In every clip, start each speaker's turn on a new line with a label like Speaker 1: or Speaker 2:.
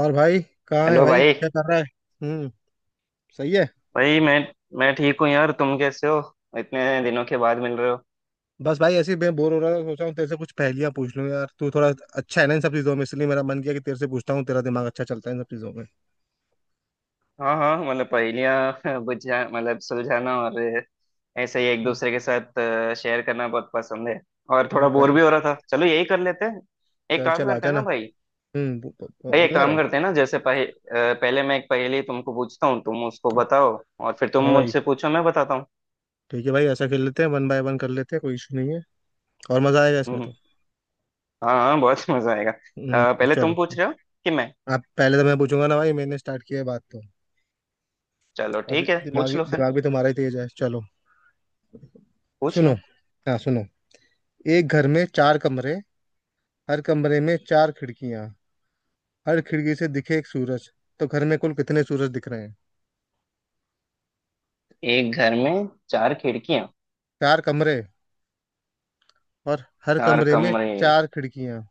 Speaker 1: और भाई कहाँ है
Speaker 2: हेलो
Speaker 1: भाई?
Speaker 2: भाई।
Speaker 1: क्या कर रहा है? हम्म। सही है।
Speaker 2: भाई मैं ठीक हूँ यार, तुम कैसे हो? इतने दिनों के बाद मिल रहे हो।
Speaker 1: बस भाई ऐसे ही मैं बोर हो रहा था, सोचा हूँ तेरे से कुछ पहेलियां पूछ लूँ यार। तू थोड़ा अच्छा है ना इन सब चीजों में, इसलिए मेरा मन किया कि तेरे से पूछता हूँ। तेरा दिमाग अच्छा चलता है इन सब चीजों में।
Speaker 2: हाँ हाँ, मतलब पहेलियाँ। बुझा मतलब सुलझाना और ऐसे ही एक
Speaker 1: हम्म,
Speaker 2: दूसरे के साथ शेयर करना बहुत पसंद है। और थोड़ा बोर
Speaker 1: भाई
Speaker 2: भी हो रहा था, चलो यही कर लेते हैं। एक
Speaker 1: चल
Speaker 2: काम
Speaker 1: चल आ
Speaker 2: करते हैं
Speaker 1: जाना।
Speaker 2: ना भाई।
Speaker 1: बो, बो, बो-
Speaker 2: भाई एक
Speaker 1: बोलना
Speaker 2: काम
Speaker 1: भाई।
Speaker 2: करते हैं ना, जैसे पहले मैं एक पहेली तुमको पूछता हूँ, तुम उसको बताओ। और फिर तुम
Speaker 1: हाँ भाई।
Speaker 2: मुझसे पूछो, मैं बताता हूँ।
Speaker 1: ठीक है भाई, ऐसा खेल लेते हैं, वन बाय वन कर लेते हैं, कोई इशू नहीं है। और मजा आएगा इसमें
Speaker 2: हम्म।
Speaker 1: तो।
Speaker 2: हाँ हाँ, बहुत मजा आएगा।
Speaker 1: हम्म,
Speaker 2: पहले
Speaker 1: चलो
Speaker 2: तुम पूछ रहे हो कि मैं।
Speaker 1: आप पहले। तो मैं पूछूंगा ना भाई, मैंने स्टार्ट किया है बात तो।
Speaker 2: चलो
Speaker 1: और दि,
Speaker 2: ठीक है, पूछ लो फिर।
Speaker 1: दिमाग भी तुम्हारा ही तेज है। चलो
Speaker 2: पूछ
Speaker 1: सुनो।
Speaker 2: लो।
Speaker 1: हाँ सुनो। एक घर में 4 कमरे। हर कमरे में 4 खिड़कियां। हर खिड़की से दिखे एक सूरज। तो घर में कुल कितने सूरज दिख रहे हैं?
Speaker 2: एक घर में चार खिड़कियां,
Speaker 1: चार कमरे। और हर
Speaker 2: चार
Speaker 1: कमरे में
Speaker 2: कमरे।
Speaker 1: 4 खिड़कियां।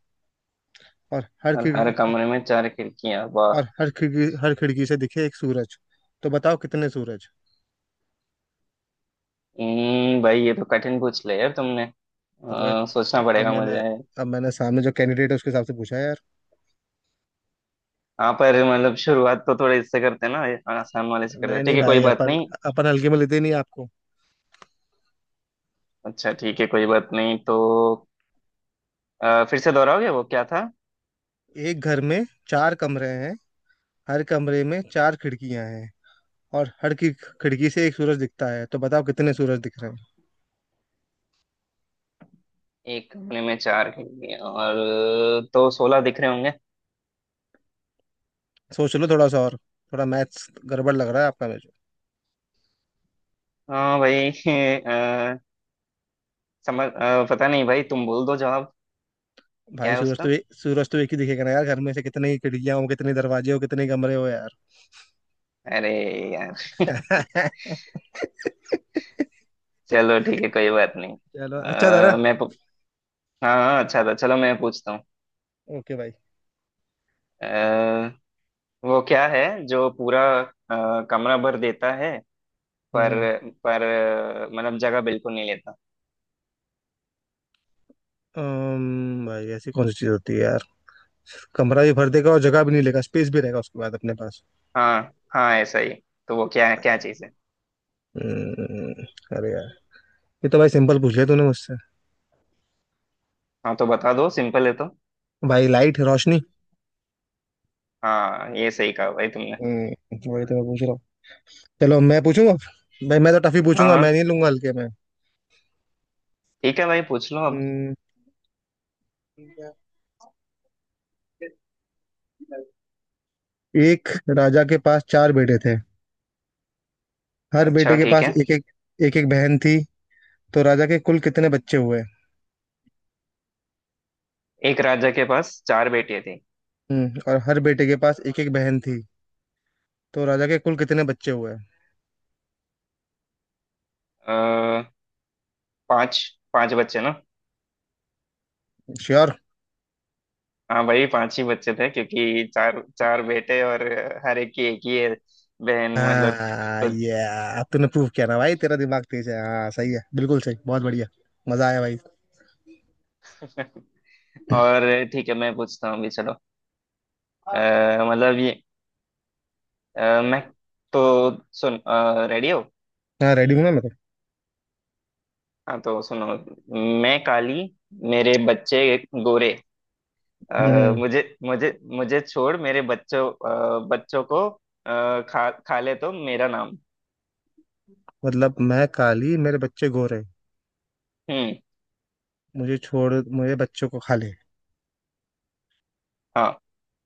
Speaker 1: और हर
Speaker 2: और
Speaker 1: खिड़की।
Speaker 2: हर कमरे में चार खिड़कियां, वाह।
Speaker 1: और हर खिड़की, से दिखे एक सूरज। तो बताओ कितने सूरज?
Speaker 2: भाई ये तो कठिन पूछ लिया यार तुमने।
Speaker 1: तो भाई
Speaker 2: सोचना
Speaker 1: अब
Speaker 2: पड़ेगा
Speaker 1: मैंने
Speaker 2: मुझे।
Speaker 1: अब मैंने सामने जो कैंडिडेट है उसके हिसाब से पूछा है यार।
Speaker 2: हाँ, पर मतलब शुरुआत तो थोड़े इससे करते हैं ना, ये आसान वाले से करते हैं।
Speaker 1: नहीं
Speaker 2: ठीक
Speaker 1: नहीं
Speaker 2: है, कोई
Speaker 1: भाई,
Speaker 2: बात
Speaker 1: अपन
Speaker 2: नहीं।
Speaker 1: अपन हल्के में लेते नहीं आपको।
Speaker 2: अच्छा ठीक है, कोई बात नहीं तो। फिर से दोहराओगे, वो क्या था?
Speaker 1: एक घर में 4 कमरे हैं। हर कमरे में चार खिड़कियां हैं। और हर की खिड़की से एक सूरज दिखता है, तो बताओ कितने सूरज दिख रहे हैं?
Speaker 2: एक कमरे में चार खिड़कियां और, तो 16 दिख रहे होंगे।
Speaker 1: सोच लो थोड़ा सा और, थोड़ा मैथ्स गड़बड़ लग रहा है आपका मेरे
Speaker 2: हाँ भाई। अ, समझ, पता नहीं भाई, तुम बोल दो जवाब।
Speaker 1: को।
Speaker 2: क्या
Speaker 1: भाई
Speaker 2: है
Speaker 1: सूरज
Speaker 2: उसका?
Speaker 1: तो सूरज तो एक ही दिखेगा ना यार। घर में से कितनी ही खिड़कियां हो, कितने दरवाजे हो, कितने कमरे हो यार।
Speaker 2: अरे यार। चलो ठीक है, कोई बात नहीं।
Speaker 1: चलो, अच्छा था ना।
Speaker 2: अ, मैं पु- हाँ हाँ, अच्छा था। चलो मैं पूछता हूँ।
Speaker 1: ओके भाई।
Speaker 2: अ, वो क्या है जो पूरा कमरा भर देता है, पर
Speaker 1: हम्म।
Speaker 2: पर मतलब जगह बिल्कुल नहीं लेता।
Speaker 1: भाई ऐसी कौन सी चीज होती है यार, कमरा भी भर देगा और जगह भी नहीं लेगा, स्पेस भी रहेगा उसके बाद अपने पास।
Speaker 2: हाँ हाँ, ऐसा ही। तो वो क्या है, क्या चीज़ है?
Speaker 1: हम्म। अरे यार, ये तो भाई सिंपल पूछ लिया तूने मुझसे।
Speaker 2: हाँ तो बता दो, सिंपल है तो।
Speaker 1: भाई लाइट, रोशनी।
Speaker 2: हाँ, ये सही कहा भाई तुमने।
Speaker 1: हम्म, वही तो मैं पूछ रहा हूँ। चलो मैं पूछूंगा। भाई मैं तो टफी
Speaker 2: हाँ
Speaker 1: पूछूंगा,
Speaker 2: हाँ,
Speaker 1: मैं नहीं लूंगा हल्के में।
Speaker 2: ठीक है भाई, पूछ लो अब।
Speaker 1: हम्म, एक राजा के पास 4 बेटे थे। हर
Speaker 2: अच्छा
Speaker 1: बेटे के
Speaker 2: ठीक
Speaker 1: पास
Speaker 2: है।
Speaker 1: एक एक बहन थी। तो राजा के कुल कितने बच्चे हुए?
Speaker 2: एक राजा के पास चार बेटियां थी।
Speaker 1: हम्म, और हर बेटे के पास एक एक बहन थी। तो राजा के कुल कितने बच्चे हुए?
Speaker 2: आ, पांच पांच बच्चे ना?
Speaker 1: श्योर।
Speaker 2: हाँ, वही पांच ही बच्चे थे क्योंकि चार चार बेटे और हर एक की एक ही है बहन, मतलब।
Speaker 1: हाँ
Speaker 2: तो।
Speaker 1: ये। अब तूने प्रूव किया ना भाई, तेरा दिमाग तेज है। हाँ सही है, बिल्कुल सही, बहुत बढ़िया। मजा आया भाई।
Speaker 2: और ठीक है, मैं पूछता हूँ अभी, चलो। मतलब ये। मैं। तो। सुन। रेडी हो?
Speaker 1: हाँ रेडी हूँ ना मैं तो।
Speaker 2: हाँ तो सुनो। मैं काली, मेरे बच्चे गोरे। अ,
Speaker 1: हम्म,
Speaker 2: मुझे मुझे मुझे छोड़ मेरे बच्चों, बच्चों को खा खा ले, तो मेरा नाम।
Speaker 1: मतलब मैं काली, मेरे बच्चे गोरे,
Speaker 2: हम्म।
Speaker 1: मुझे छोड़, मुझे बच्चों को खा ले।
Speaker 2: हाँ,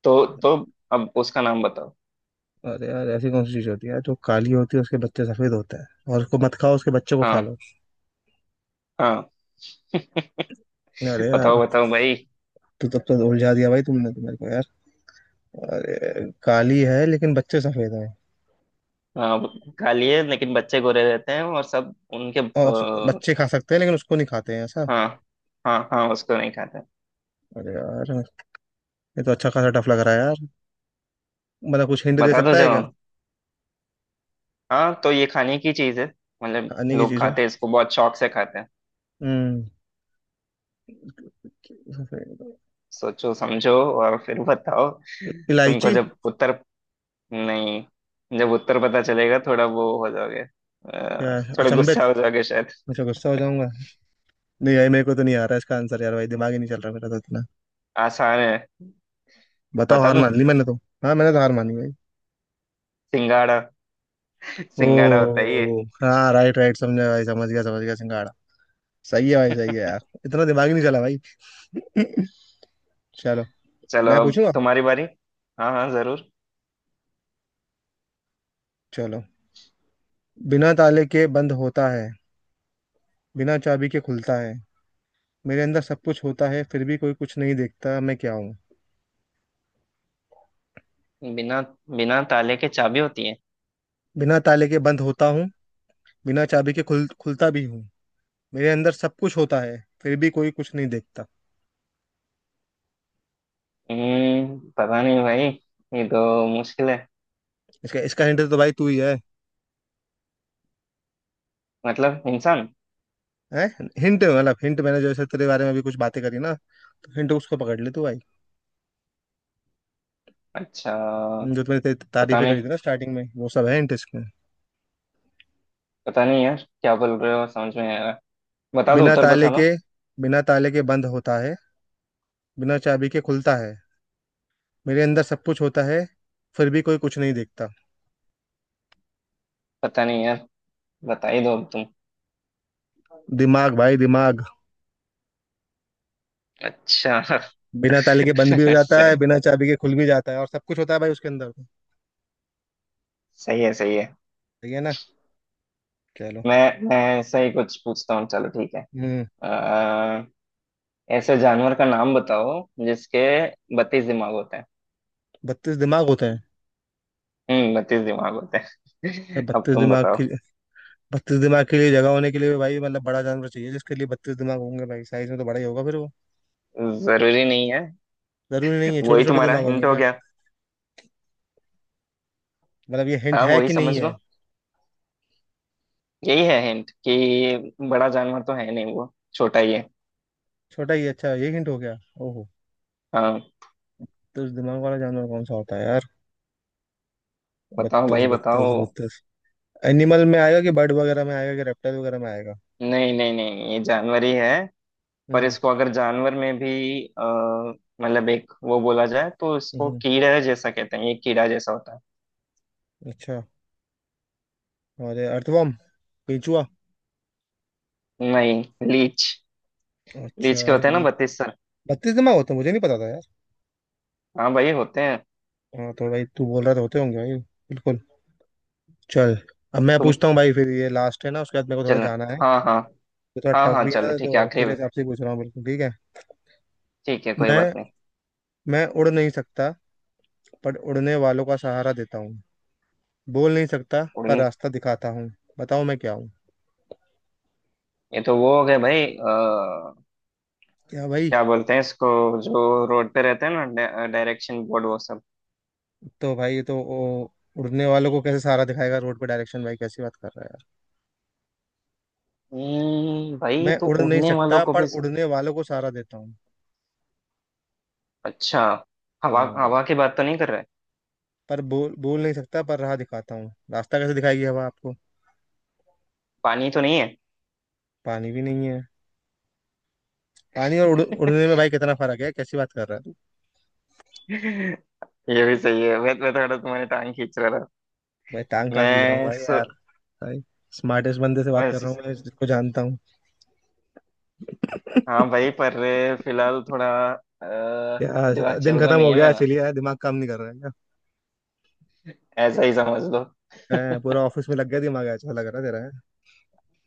Speaker 2: तो अब उसका नाम बताओ।
Speaker 1: अरे यार, ऐसी कौन सी चीज होती है यार, जो काली होती है उसके बच्चे सफेद होते हैं, और उसको मत खाओ उसके बच्चे को खा
Speaker 2: हाँ
Speaker 1: लो।
Speaker 2: हाँ।
Speaker 1: अरे यार,
Speaker 2: बताओ बताओ भाई।
Speaker 1: तू तब तो उलझा दिया भाई तुमने तो मेरे को यार। अरे काली है लेकिन बच्चे सफेद हैं,
Speaker 2: हाँ, वो काली है लेकिन बच्चे गोरे रहते हैं और सब उनके।
Speaker 1: और
Speaker 2: आ,
Speaker 1: बच्चे खा सकते हैं लेकिन उसको नहीं खाते हैं ऐसा।
Speaker 2: हाँ। हाँ हाँ, उसको नहीं खाते।
Speaker 1: अरे यार, ये तो अच्छा खासा टफ लग रहा है यार। मतलब कुछ हिंट दे
Speaker 2: बता दो
Speaker 1: सकता है क्या?
Speaker 2: जवाब। हाँ, तो ये खाने की चीज है, मतलब
Speaker 1: खाने की
Speaker 2: लोग
Speaker 1: चीज है।
Speaker 2: खाते हैं, इसको बहुत शौक से खाते हैं।
Speaker 1: हम्म। सफेद।
Speaker 2: सोचो समझो और फिर बताओ। तुमको
Speaker 1: इलायची।
Speaker 2: जब उत्तर नहीं, जब उत्तर पता चलेगा थोड़ा वो हो जाओगे,
Speaker 1: क्या है?
Speaker 2: थोड़ा
Speaker 1: अचंभित।
Speaker 2: गुस्सा हो जाओगे शायद।
Speaker 1: मुझे गुस्सा हो जाऊंगा? नहीं भाई मेरे को तो नहीं आ रहा इसका आंसर यार। भाई दिमाग ही नहीं चल रहा मेरा तो इतना।
Speaker 2: आसान है।
Speaker 1: बताओ,
Speaker 2: बता
Speaker 1: हार
Speaker 2: दूं?
Speaker 1: मान ली मैंने तो। हाँ मैंने तो हार मानी भाई।
Speaker 2: सिंगाड़ा।
Speaker 1: ओ,
Speaker 2: सिंगाड़ा होता ही है।
Speaker 1: हाँ राइट राइट, समझा भाई, समझ गया, समझ गया, सिंगाड़ा। सही है भाई, सही है यार। इतना दिमाग ही नहीं चला भाई। चलो
Speaker 2: चलो,
Speaker 1: मैं
Speaker 2: अब
Speaker 1: पूछूंगा।
Speaker 2: तुम्हारी बारी। हाँ हाँ, जरूर।
Speaker 1: चलो, बिना ताले के बंद होता है, बिना चाबी के खुलता है, मेरे अंदर सब कुछ होता है, फिर भी कोई कुछ नहीं देखता। मैं क्या हूँ?
Speaker 2: बिना बिना ताले के चाबी होती है।
Speaker 1: बिना ताले के बंद होता हूँ, बिना चाबी के खुलता भी हूँ, मेरे अंदर सब कुछ होता है, फिर भी कोई कुछ नहीं देखता।
Speaker 2: पता नहीं भाई, ये तो मुश्किल है।
Speaker 1: इसका इसका हिंट तो भाई तू ही है।
Speaker 2: मतलब इंसान?
Speaker 1: हैं? हिंट मतलब, हिंट मैंने जैसे तेरे बारे में भी कुछ बातें करी ना, तो हिंट उसको पकड़ ले तू भाई।
Speaker 2: अच्छा।
Speaker 1: जो तुमने
Speaker 2: पता
Speaker 1: तारीफें करी
Speaker 2: नहीं।
Speaker 1: थी ना स्टार्टिंग में, वो सब है इंट इसमें।
Speaker 2: पता नहीं यार, क्या बोल रहे हो, समझ में नहीं आ रहा। बता दो
Speaker 1: बिना
Speaker 2: उत्तर,
Speaker 1: ताले
Speaker 2: बता
Speaker 1: के
Speaker 2: दो।
Speaker 1: बिना ताले के बंद होता है, बिना चाबी के खुलता है, मेरे अंदर सब कुछ होता है, फिर भी कोई कुछ नहीं देखता।
Speaker 2: पता नहीं यार। बता ही दो अब तुम।
Speaker 1: दिमाग भाई, दिमाग।
Speaker 2: अच्छा।
Speaker 1: बिना ताले के बंद भी हो जाता
Speaker 2: सही।
Speaker 1: है, बिना चाबी के खुल भी जाता है, और सब कुछ होता है भाई उसके अंदर।
Speaker 2: सही है, सही है।
Speaker 1: सही है ना। चलो।
Speaker 2: मैं मैं ऐसा ही कुछ पूछता हूँ, चलो ठीक है।
Speaker 1: हम्म।
Speaker 2: अ, ऐसे जानवर का नाम बताओ जिसके 32 दिमाग होते हैं।
Speaker 1: 32 दिमाग होते हैं?
Speaker 2: हम्म, 32 दिमाग होते हैं। अब
Speaker 1: बत्तीस
Speaker 2: तुम
Speaker 1: दिमाग
Speaker 2: बताओ।
Speaker 1: के बत्तीस दिमाग के लिए जगह होने के लिए भाई, मतलब बड़ा जानवर चाहिए जिसके लिए 32 दिमाग होंगे। भाई साइज में तो बड़ा ही होगा फिर वो।
Speaker 2: जरूरी नहीं है।
Speaker 1: जरूरी नहीं है, छोटे
Speaker 2: वही
Speaker 1: छोटे
Speaker 2: तुम्हारा
Speaker 1: दिमाग
Speaker 2: हिंट
Speaker 1: होंगे
Speaker 2: हो
Speaker 1: क्या?
Speaker 2: गया।
Speaker 1: मतलब ये हिंट
Speaker 2: हाँ,
Speaker 1: है
Speaker 2: वही
Speaker 1: कि
Speaker 2: समझ
Speaker 1: नहीं
Speaker 2: लो।
Speaker 1: है?
Speaker 2: यही है हिंट कि बड़ा जानवर तो है नहीं, वो छोटा ही है।
Speaker 1: छोटा ही, अच्छा ये हिंट हो गया। ओहो।
Speaker 2: हाँ।
Speaker 1: 32 दिमाग वाला जानवर कौन सा होता है यार?
Speaker 2: बताओ
Speaker 1: बत्तीस
Speaker 2: भाई बताओ।
Speaker 1: बत्तीस 32। एनिमल में आएगा, कि बर्ड वगैरह में आएगा, कि रेप्टाइल वगैरह में आएगा?
Speaker 2: नहीं नहीं नहीं, ये जानवर ही है। पर
Speaker 1: हम्म।
Speaker 2: इसको अगर जानवर में भी मतलब एक वो बोला जाए, तो
Speaker 1: हम्म,
Speaker 2: इसको
Speaker 1: हम्म,
Speaker 2: कीड़ा जैसा कहते हैं, ये कीड़ा जैसा होता
Speaker 1: अच्छा। अरे अर्थवर्म, केंचुआ।
Speaker 2: है। नहीं। लीच।
Speaker 1: अच्छा,
Speaker 2: लीच के होते हैं ना 32 सर?
Speaker 1: बत्तीस दिमाग होते हैं, मुझे नहीं पता था यार।
Speaker 2: हाँ भाई, होते हैं।
Speaker 1: हाँ तो भाई तू बोल रहा तो होते होंगे भाई बिल्कुल। चल अब मैं
Speaker 2: तुम।
Speaker 1: पूछता हूँ भाई, फिर ये लास्ट है ना, उसके बाद मेरे को थोड़ा
Speaker 2: चलो।
Speaker 1: जाना है।
Speaker 2: हाँ हाँ।
Speaker 1: ये थोड़ा
Speaker 2: हाँ
Speaker 1: टफ
Speaker 2: हाँ,
Speaker 1: भी है
Speaker 2: चलो
Speaker 1: ना,
Speaker 2: ठीक है,
Speaker 1: तो तेरे
Speaker 2: आखिरी।
Speaker 1: हिसाब से ही पूछ रहा हूँ, बिल्कुल ठीक है।
Speaker 2: ठीक है, कोई बात
Speaker 1: मैं
Speaker 2: नहीं।
Speaker 1: मैं उड़ नहीं सकता, पर उड़ने वालों का सहारा देता हूँ। बोल नहीं सकता पर
Speaker 2: उड़न?
Speaker 1: रास्ता दिखाता हूँ। बताओ मैं क्या हूँ?
Speaker 2: ये तो वो हो गए भाई।
Speaker 1: क्या भाई?
Speaker 2: क्या बोलते हैं इसको, जो रोड पे रहते हैं ना, डायरेक्शन बोर्ड, वो सब।
Speaker 1: तो भाई ये तो ओ, उड़ने वालों को कैसे सहारा दिखाएगा रोड पे डायरेक्शन? भाई कैसी बात कर रहा है यार?
Speaker 2: भाई
Speaker 1: मैं
Speaker 2: तो
Speaker 1: उड़ नहीं
Speaker 2: उड़ने वालों
Speaker 1: सकता
Speaker 2: को
Speaker 1: पर
Speaker 2: भी सम।
Speaker 1: उड़ने वालों को सहारा देता हूँ।
Speaker 2: अच्छा, हवा,
Speaker 1: हम्म।
Speaker 2: हवा की बात तो नहीं कर रहा है?
Speaker 1: पर बोल बोल नहीं सकता पर राह दिखाता हूँ। रास्ता कैसे दिखाएगी हवा आपको?
Speaker 2: पानी तो नहीं है?
Speaker 1: पानी भी नहीं है। पानी और उड़ने में भाई कितना फर्क है, कैसी बात कर रहा है तू?
Speaker 2: ये भी सही है, मैं थोड़ा तुम्हारी टांग खींच रहा था।
Speaker 1: भाई टांग कहाँ खींच रहा हूँ
Speaker 2: मैं
Speaker 1: भाई
Speaker 2: सो
Speaker 1: यार। भाई स्मार्टेस्ट बंदे से बात
Speaker 2: मैं
Speaker 1: कर
Speaker 2: सो,
Speaker 1: रहा हूँ मैं जिसको जानता हूँ।
Speaker 2: हाँ भाई, पर फिलहाल थोड़ा अ,
Speaker 1: क्या
Speaker 2: दिमाग चल
Speaker 1: दिन
Speaker 2: रहा
Speaker 1: खत्म
Speaker 2: नहीं
Speaker 1: हो
Speaker 2: है
Speaker 1: गया है?
Speaker 2: मेरा,
Speaker 1: चलिए यार, दिमाग काम नहीं कर रहा है क्या?
Speaker 2: ऐसा ही समझ लो।
Speaker 1: हैं, पूरा ऑफिस में लग गया दिमाग, अच्छा लग रहा है तेरा।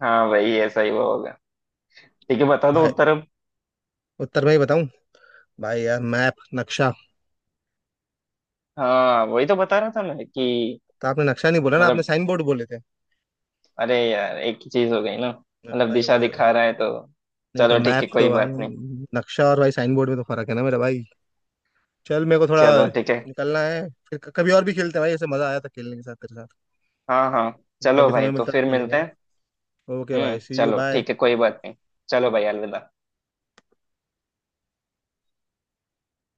Speaker 2: हाँ भाई, ऐसा ही वो होगा। ठीक है, बता दो
Speaker 1: भाई
Speaker 2: उत्तर अब।
Speaker 1: उत्तर भाई बताऊं? भाई यार, मैप, नक्शा।
Speaker 2: हाँ, वही तो बता रहा था मैं कि,
Speaker 1: तो आपने नक्शा नहीं बोला ना, आपने
Speaker 2: मतलब,
Speaker 1: साइन बोर्ड बोले थे।
Speaker 2: अरे यार एक ही चीज हो गई ना, मतलब
Speaker 1: भाई वो
Speaker 2: दिशा
Speaker 1: तो,
Speaker 2: दिखा रहा है तो।
Speaker 1: नहीं तो
Speaker 2: चलो ठीक
Speaker 1: मैप
Speaker 2: है, कोई
Speaker 1: तो भाई।
Speaker 2: बात नहीं।
Speaker 1: नक्शा और भाई साइन बोर्ड में तो फर्क है ना मेरा भाई। चल मेरे को थोड़ा
Speaker 2: चलो ठीक है।
Speaker 1: निकलना है, फिर कभी और भी खेलते हैं भाई, ऐसे मजा आया था खेलने के साथ तेरे साथ।
Speaker 2: हाँ हाँ। चलो
Speaker 1: कभी
Speaker 2: भाई,
Speaker 1: समय
Speaker 2: तो
Speaker 1: मिलता है
Speaker 2: फिर
Speaker 1: तो खेलेंगे
Speaker 2: मिलते
Speaker 1: ना।
Speaker 2: हैं।
Speaker 1: ओके
Speaker 2: हम्म,
Speaker 1: भाई, सी यू,
Speaker 2: चलो
Speaker 1: बाय।
Speaker 2: ठीक है, कोई बात नहीं। चलो भाई, अलविदा।